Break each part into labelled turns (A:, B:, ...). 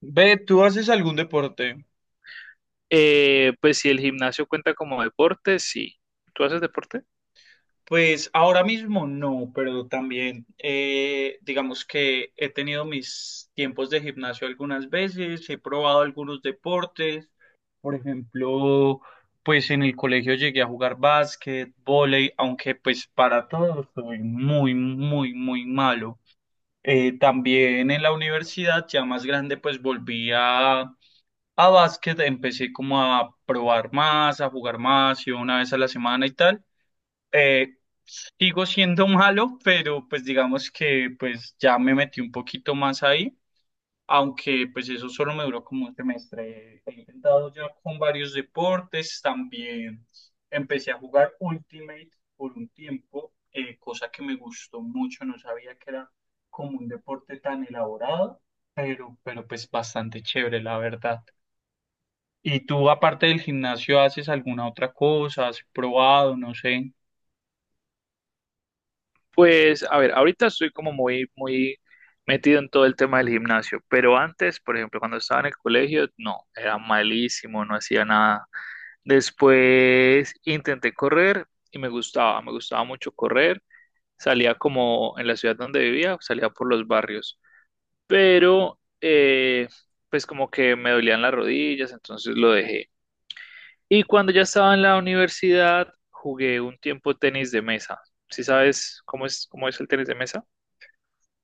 A: Ve, ¿tú haces algún deporte?
B: Pues si el gimnasio cuenta como deporte, sí. ¿Tú haces deporte?
A: Pues ahora mismo no, pero también digamos que he tenido mis tiempos de gimnasio algunas veces, he probado algunos deportes, por ejemplo, pues en el colegio llegué a jugar básquet, vóley, aunque pues para todo soy muy, muy, muy malo. También en la universidad, ya más grande, pues volví a. A básquet empecé como a probar más, a jugar más, y una vez a la semana y tal. Eh, Sigo siendo malo, pero pues digamos que pues ya me metí un poquito más ahí, aunque pues eso solo me duró como un semestre. He intentado ya con varios deportes, también empecé a jugar Ultimate por un tiempo, cosa que me gustó mucho, no sabía que era como un deporte tan elaborado, pero, pues bastante chévere, la verdad. ¿Y tú, aparte del gimnasio, haces alguna otra cosa? ¿Has probado? No sé.
B: Pues, a ver, ahorita estoy como muy, muy metido en todo el tema del gimnasio, pero antes, por ejemplo, cuando estaba en el colegio, no, era malísimo, no hacía nada. Después intenté correr y me gustaba mucho correr. Salía como en la ciudad donde vivía, salía por los barrios, pero pues como que me dolían las rodillas, entonces lo dejé. Y cuando ya estaba en la universidad, jugué un tiempo tenis de mesa. ¿Sí sabes cómo es el tenis de mesa?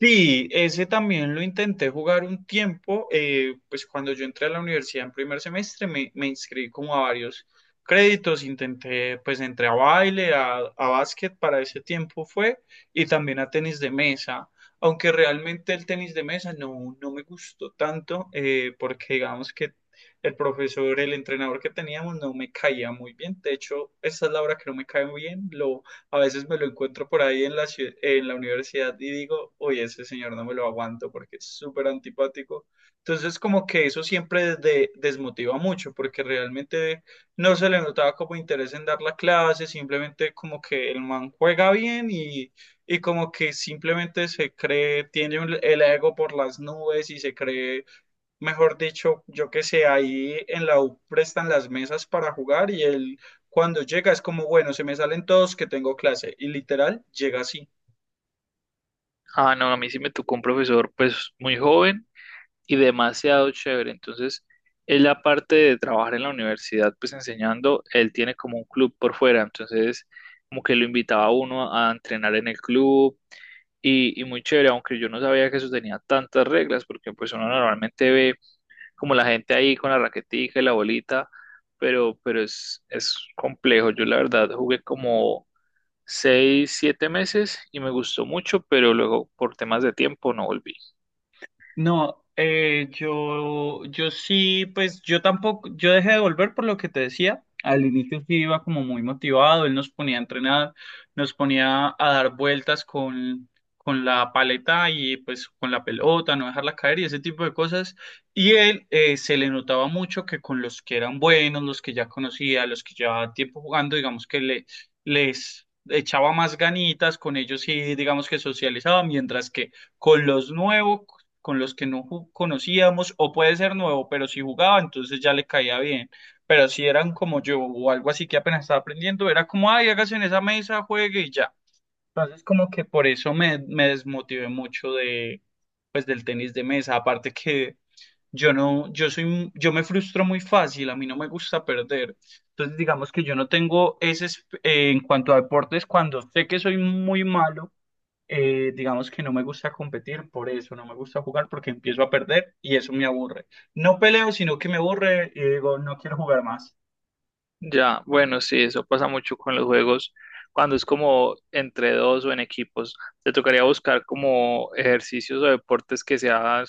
A: Sí, ese también lo intenté jugar un tiempo, pues cuando yo entré a la universidad en primer semestre me inscribí como a varios créditos, intenté, pues entré a baile, a básquet para ese tiempo fue, y también a tenis de mesa, aunque realmente el tenis de mesa no me gustó tanto, porque digamos que el profesor, el entrenador que teníamos no me caía muy bien, de hecho, esa es la hora que no me cae muy bien, a veces me lo encuentro por ahí en en la universidad y digo, oye, ese señor no me lo aguanto porque es súper antipático. Entonces, como que eso siempre desmotiva mucho porque realmente no se le notaba como interés en dar la clase, simplemente como que el man juega bien y, como que simplemente se cree, tiene el ego por las nubes y se cree mejor dicho, yo qué sé, ahí en la U prestan las mesas para jugar y él cuando llega es como, bueno, se me salen todos que tengo clase y literal llega así.
B: Ah, no, a mí sí me tocó un profesor pues muy joven y demasiado chévere. Entonces, él aparte de trabajar en la universidad pues enseñando, él tiene como un club por fuera. Entonces, como que lo invitaba a uno a entrenar en el club y muy chévere, aunque yo no sabía que eso tenía tantas reglas porque pues uno normalmente ve como la gente ahí con la raquetica y la bolita, pero es complejo. Yo la verdad jugué como seis, siete meses y me gustó mucho, pero luego por temas de tiempo no volví.
A: No, yo sí, pues yo tampoco, yo dejé de volver por lo que te decía. Al inicio sí iba como muy motivado, él nos ponía a entrenar, nos ponía a dar vueltas con la paleta y pues con la pelota, no dejarla caer y ese tipo de cosas. Y él se le notaba mucho que con los que eran buenos, los que ya conocía, los que llevaba tiempo jugando, digamos que les echaba más ganitas, con ellos sí, digamos que socializaba, mientras que con los nuevos con los que no conocíamos, o puede ser nuevo, pero si jugaba, entonces ya le caía bien. Pero si eran como yo o algo así que apenas estaba aprendiendo, era como, ay, hágase en esa mesa, juegue y ya. Entonces como que por eso me desmotivé mucho de, pues, del tenis de mesa. Aparte que yo no, yo me frustro muy fácil, a mí no me gusta perder. Entonces digamos que yo no tengo ese, en cuanto a deportes, cuando sé que soy muy malo digamos que no me gusta competir por eso, no me gusta jugar porque empiezo a perder y eso me aburre. No peleo, sino que me aburre y digo, no quiero jugar más.
B: Ya, bueno, sí, eso pasa mucho con los juegos cuando es como entre dos o en equipos. Te tocaría buscar como ejercicios o deportes que se hagan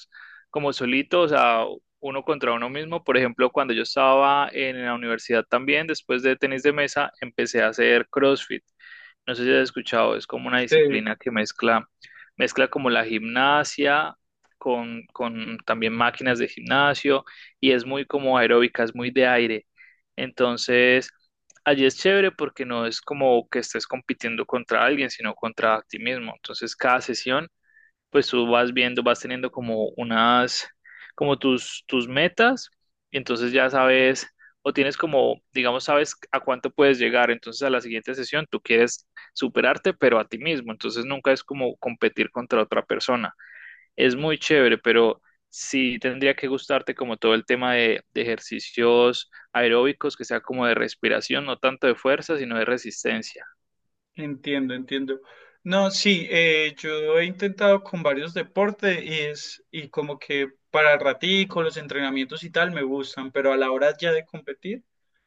B: como solitos, o sea, uno contra uno mismo. Por ejemplo, cuando yo estaba en la universidad también, después de tenis de mesa, empecé a hacer CrossFit. No sé si has escuchado, es como una
A: Sí.
B: disciplina que mezcla como la gimnasia con también máquinas de gimnasio y es muy como aeróbica, es muy de aire. Entonces, allí es chévere porque no es como que estés compitiendo contra alguien, sino contra ti mismo. Entonces, cada sesión pues tú vas viendo, vas teniendo como unas, como tus metas, y entonces ya sabes, o tienes como, digamos, sabes a cuánto puedes llegar, entonces a la siguiente sesión tú quieres superarte, pero a ti mismo, entonces nunca es como competir contra otra persona. Es muy chévere, pero sí tendría que gustarte como todo el tema de ejercicios aeróbicos, que sea como de respiración, no tanto de fuerza, sino de resistencia.
A: Entiendo, entiendo. No, sí, yo he intentado con varios deportes y y como que para el ratico, los entrenamientos y tal me gustan, pero a la hora ya de competir,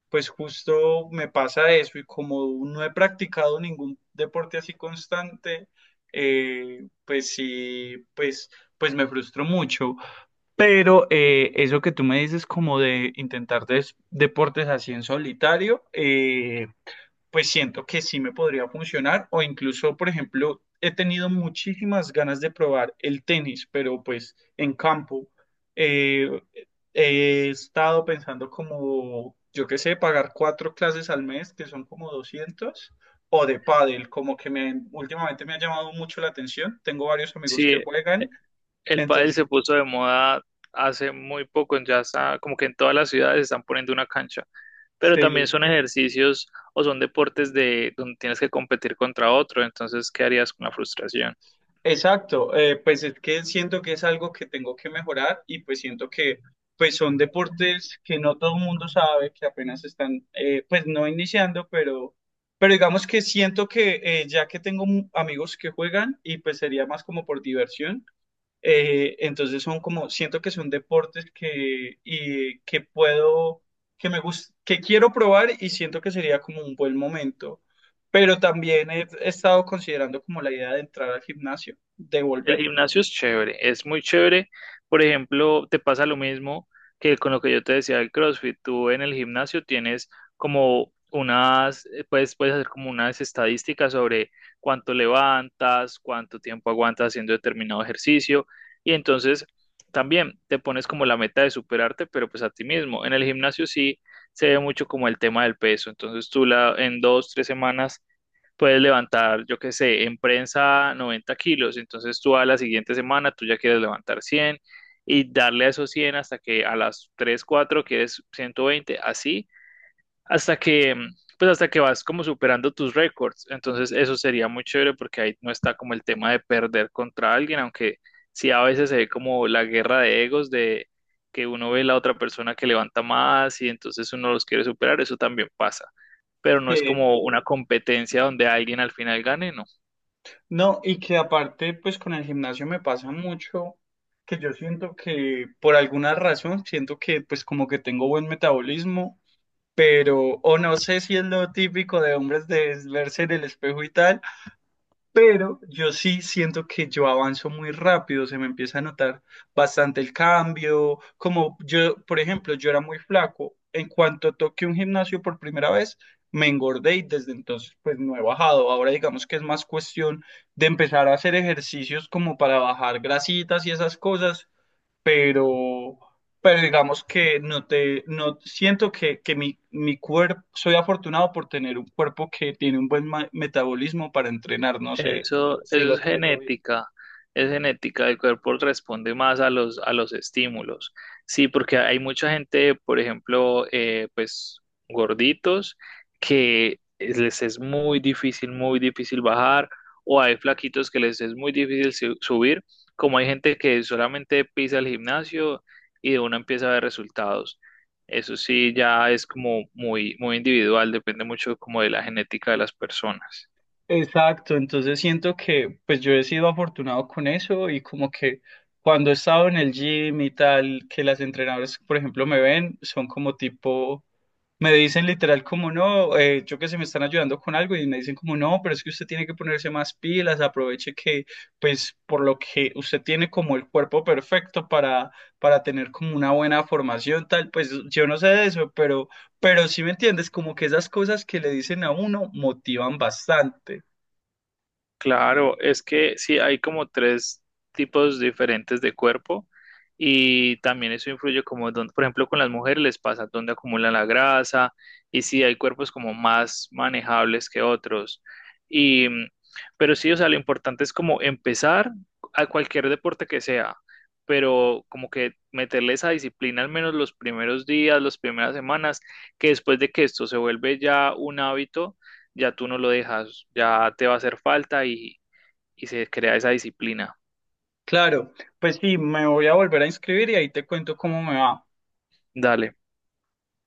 A: pues justo me pasa eso y como no he practicado ningún deporte así constante, pues sí, pues me frustro mucho. Pero eso que tú me dices como de intentar deportes así en solitario, pues siento que sí me podría funcionar o incluso, por ejemplo, he tenido muchísimas ganas de probar el tenis, pero pues en campo eh, he estado pensando como, yo qué sé, pagar cuatro clases al mes, que son como 200 o de pádel, como que últimamente me ha llamado mucho la atención. Tengo varios amigos que
B: Sí,
A: juegan,
B: el pádel se
A: entonces,
B: puso de moda hace muy poco, ya está, como que en todas las ciudades están poniendo una cancha, pero también
A: sí.
B: son ejercicios o son deportes de donde tienes que competir contra otro, entonces, ¿qué harías con la frustración?
A: Exacto, pues es que siento que es algo que tengo que mejorar y pues siento que pues son deportes que no todo el mundo sabe, que apenas están pues no iniciando, pero digamos que siento que ya que tengo amigos que juegan y pues sería más como por diversión, entonces son como, siento que son deportes que, y, que puedo, que me gust que quiero probar y siento que sería como un buen momento. Pero también he estado considerando como la idea de entrar al gimnasio, de
B: El
A: volver.
B: gimnasio es chévere, es muy chévere. Por ejemplo, te pasa lo mismo que con lo que yo te decía del CrossFit. Tú en el gimnasio tienes como unas, puedes, puedes hacer como unas estadísticas sobre cuánto levantas, cuánto tiempo aguantas haciendo determinado ejercicio. Y entonces también te pones como la meta de superarte, pero pues a ti mismo. En el gimnasio sí se ve mucho como el tema del peso. Entonces tú la, en dos, tres semanas puedes levantar, yo qué sé, en prensa 90 kilos, entonces tú a la siguiente semana tú ya quieres levantar 100 y darle a esos 100 hasta que a las 3 4 quieres 120, así, hasta que, pues hasta que vas como superando tus récords. Entonces, eso sería muy chévere porque ahí no está como el tema de perder contra alguien, aunque sí a veces se ve como la guerra de egos de que uno ve la otra persona que levanta más y entonces uno los quiere superar, eso también pasa. Pero no es
A: Eh,
B: como una competencia donde alguien al final gane, no.
A: no, y que aparte, pues con el gimnasio me pasa mucho que yo siento que por alguna razón, siento que pues como que tengo buen metabolismo, pero o no sé si es lo típico de hombres de verse en el espejo y tal, pero yo sí siento que yo avanzo muy rápido, se me empieza a notar bastante el cambio, como yo, por ejemplo, yo era muy flaco, en cuanto toqué un gimnasio por primera vez, me engordé y desde entonces pues no he bajado, ahora digamos que es más cuestión de empezar a hacer ejercicios como para bajar grasitas y esas cosas, pero, pero digamos que no te, no siento que mi cuerpo, soy afortunado por tener un cuerpo que tiene un buen metabolismo para entrenar, no sé
B: Eso,
A: si lo
B: eso
A: explico bien.
B: es genética, el cuerpo responde más a los estímulos. Sí, porque hay mucha gente, por ejemplo, pues gorditos, que les es muy difícil bajar, o hay flaquitos que les es muy difícil subir, como hay gente que solamente pisa el gimnasio y de una empieza a ver resultados. Eso sí, ya es como muy, muy individual, depende mucho como de la genética de las personas.
A: Exacto, entonces siento que pues yo he sido afortunado con eso y como que cuando he estado en el gym y tal, que las entrenadoras, por ejemplo, me ven, son como tipo. Me dicen literal como no, yo que sé, me están ayudando con algo y me dicen como no, pero es que usted tiene que ponerse más pilas, aproveche que pues por lo que usted tiene como el cuerpo perfecto para, tener como una buena formación tal, pues yo no sé de eso, pero sí me entiendes, como que esas cosas que le dicen a uno motivan bastante.
B: Claro, es que sí, hay como tres tipos diferentes de cuerpo y también eso influye como, por ejemplo, con las mujeres les pasa dónde acumulan la grasa y sí, hay cuerpos como más manejables que otros. Y, pero sí, o sea, lo importante es como empezar a cualquier deporte que sea, pero como que meterle esa disciplina al menos los primeros días, las primeras semanas, que después de que esto se vuelve ya un hábito ya tú no lo dejas, ya te va a hacer falta y se crea esa disciplina.
A: Claro, pues sí, me voy a volver a inscribir y ahí te cuento cómo me va.
B: Dale.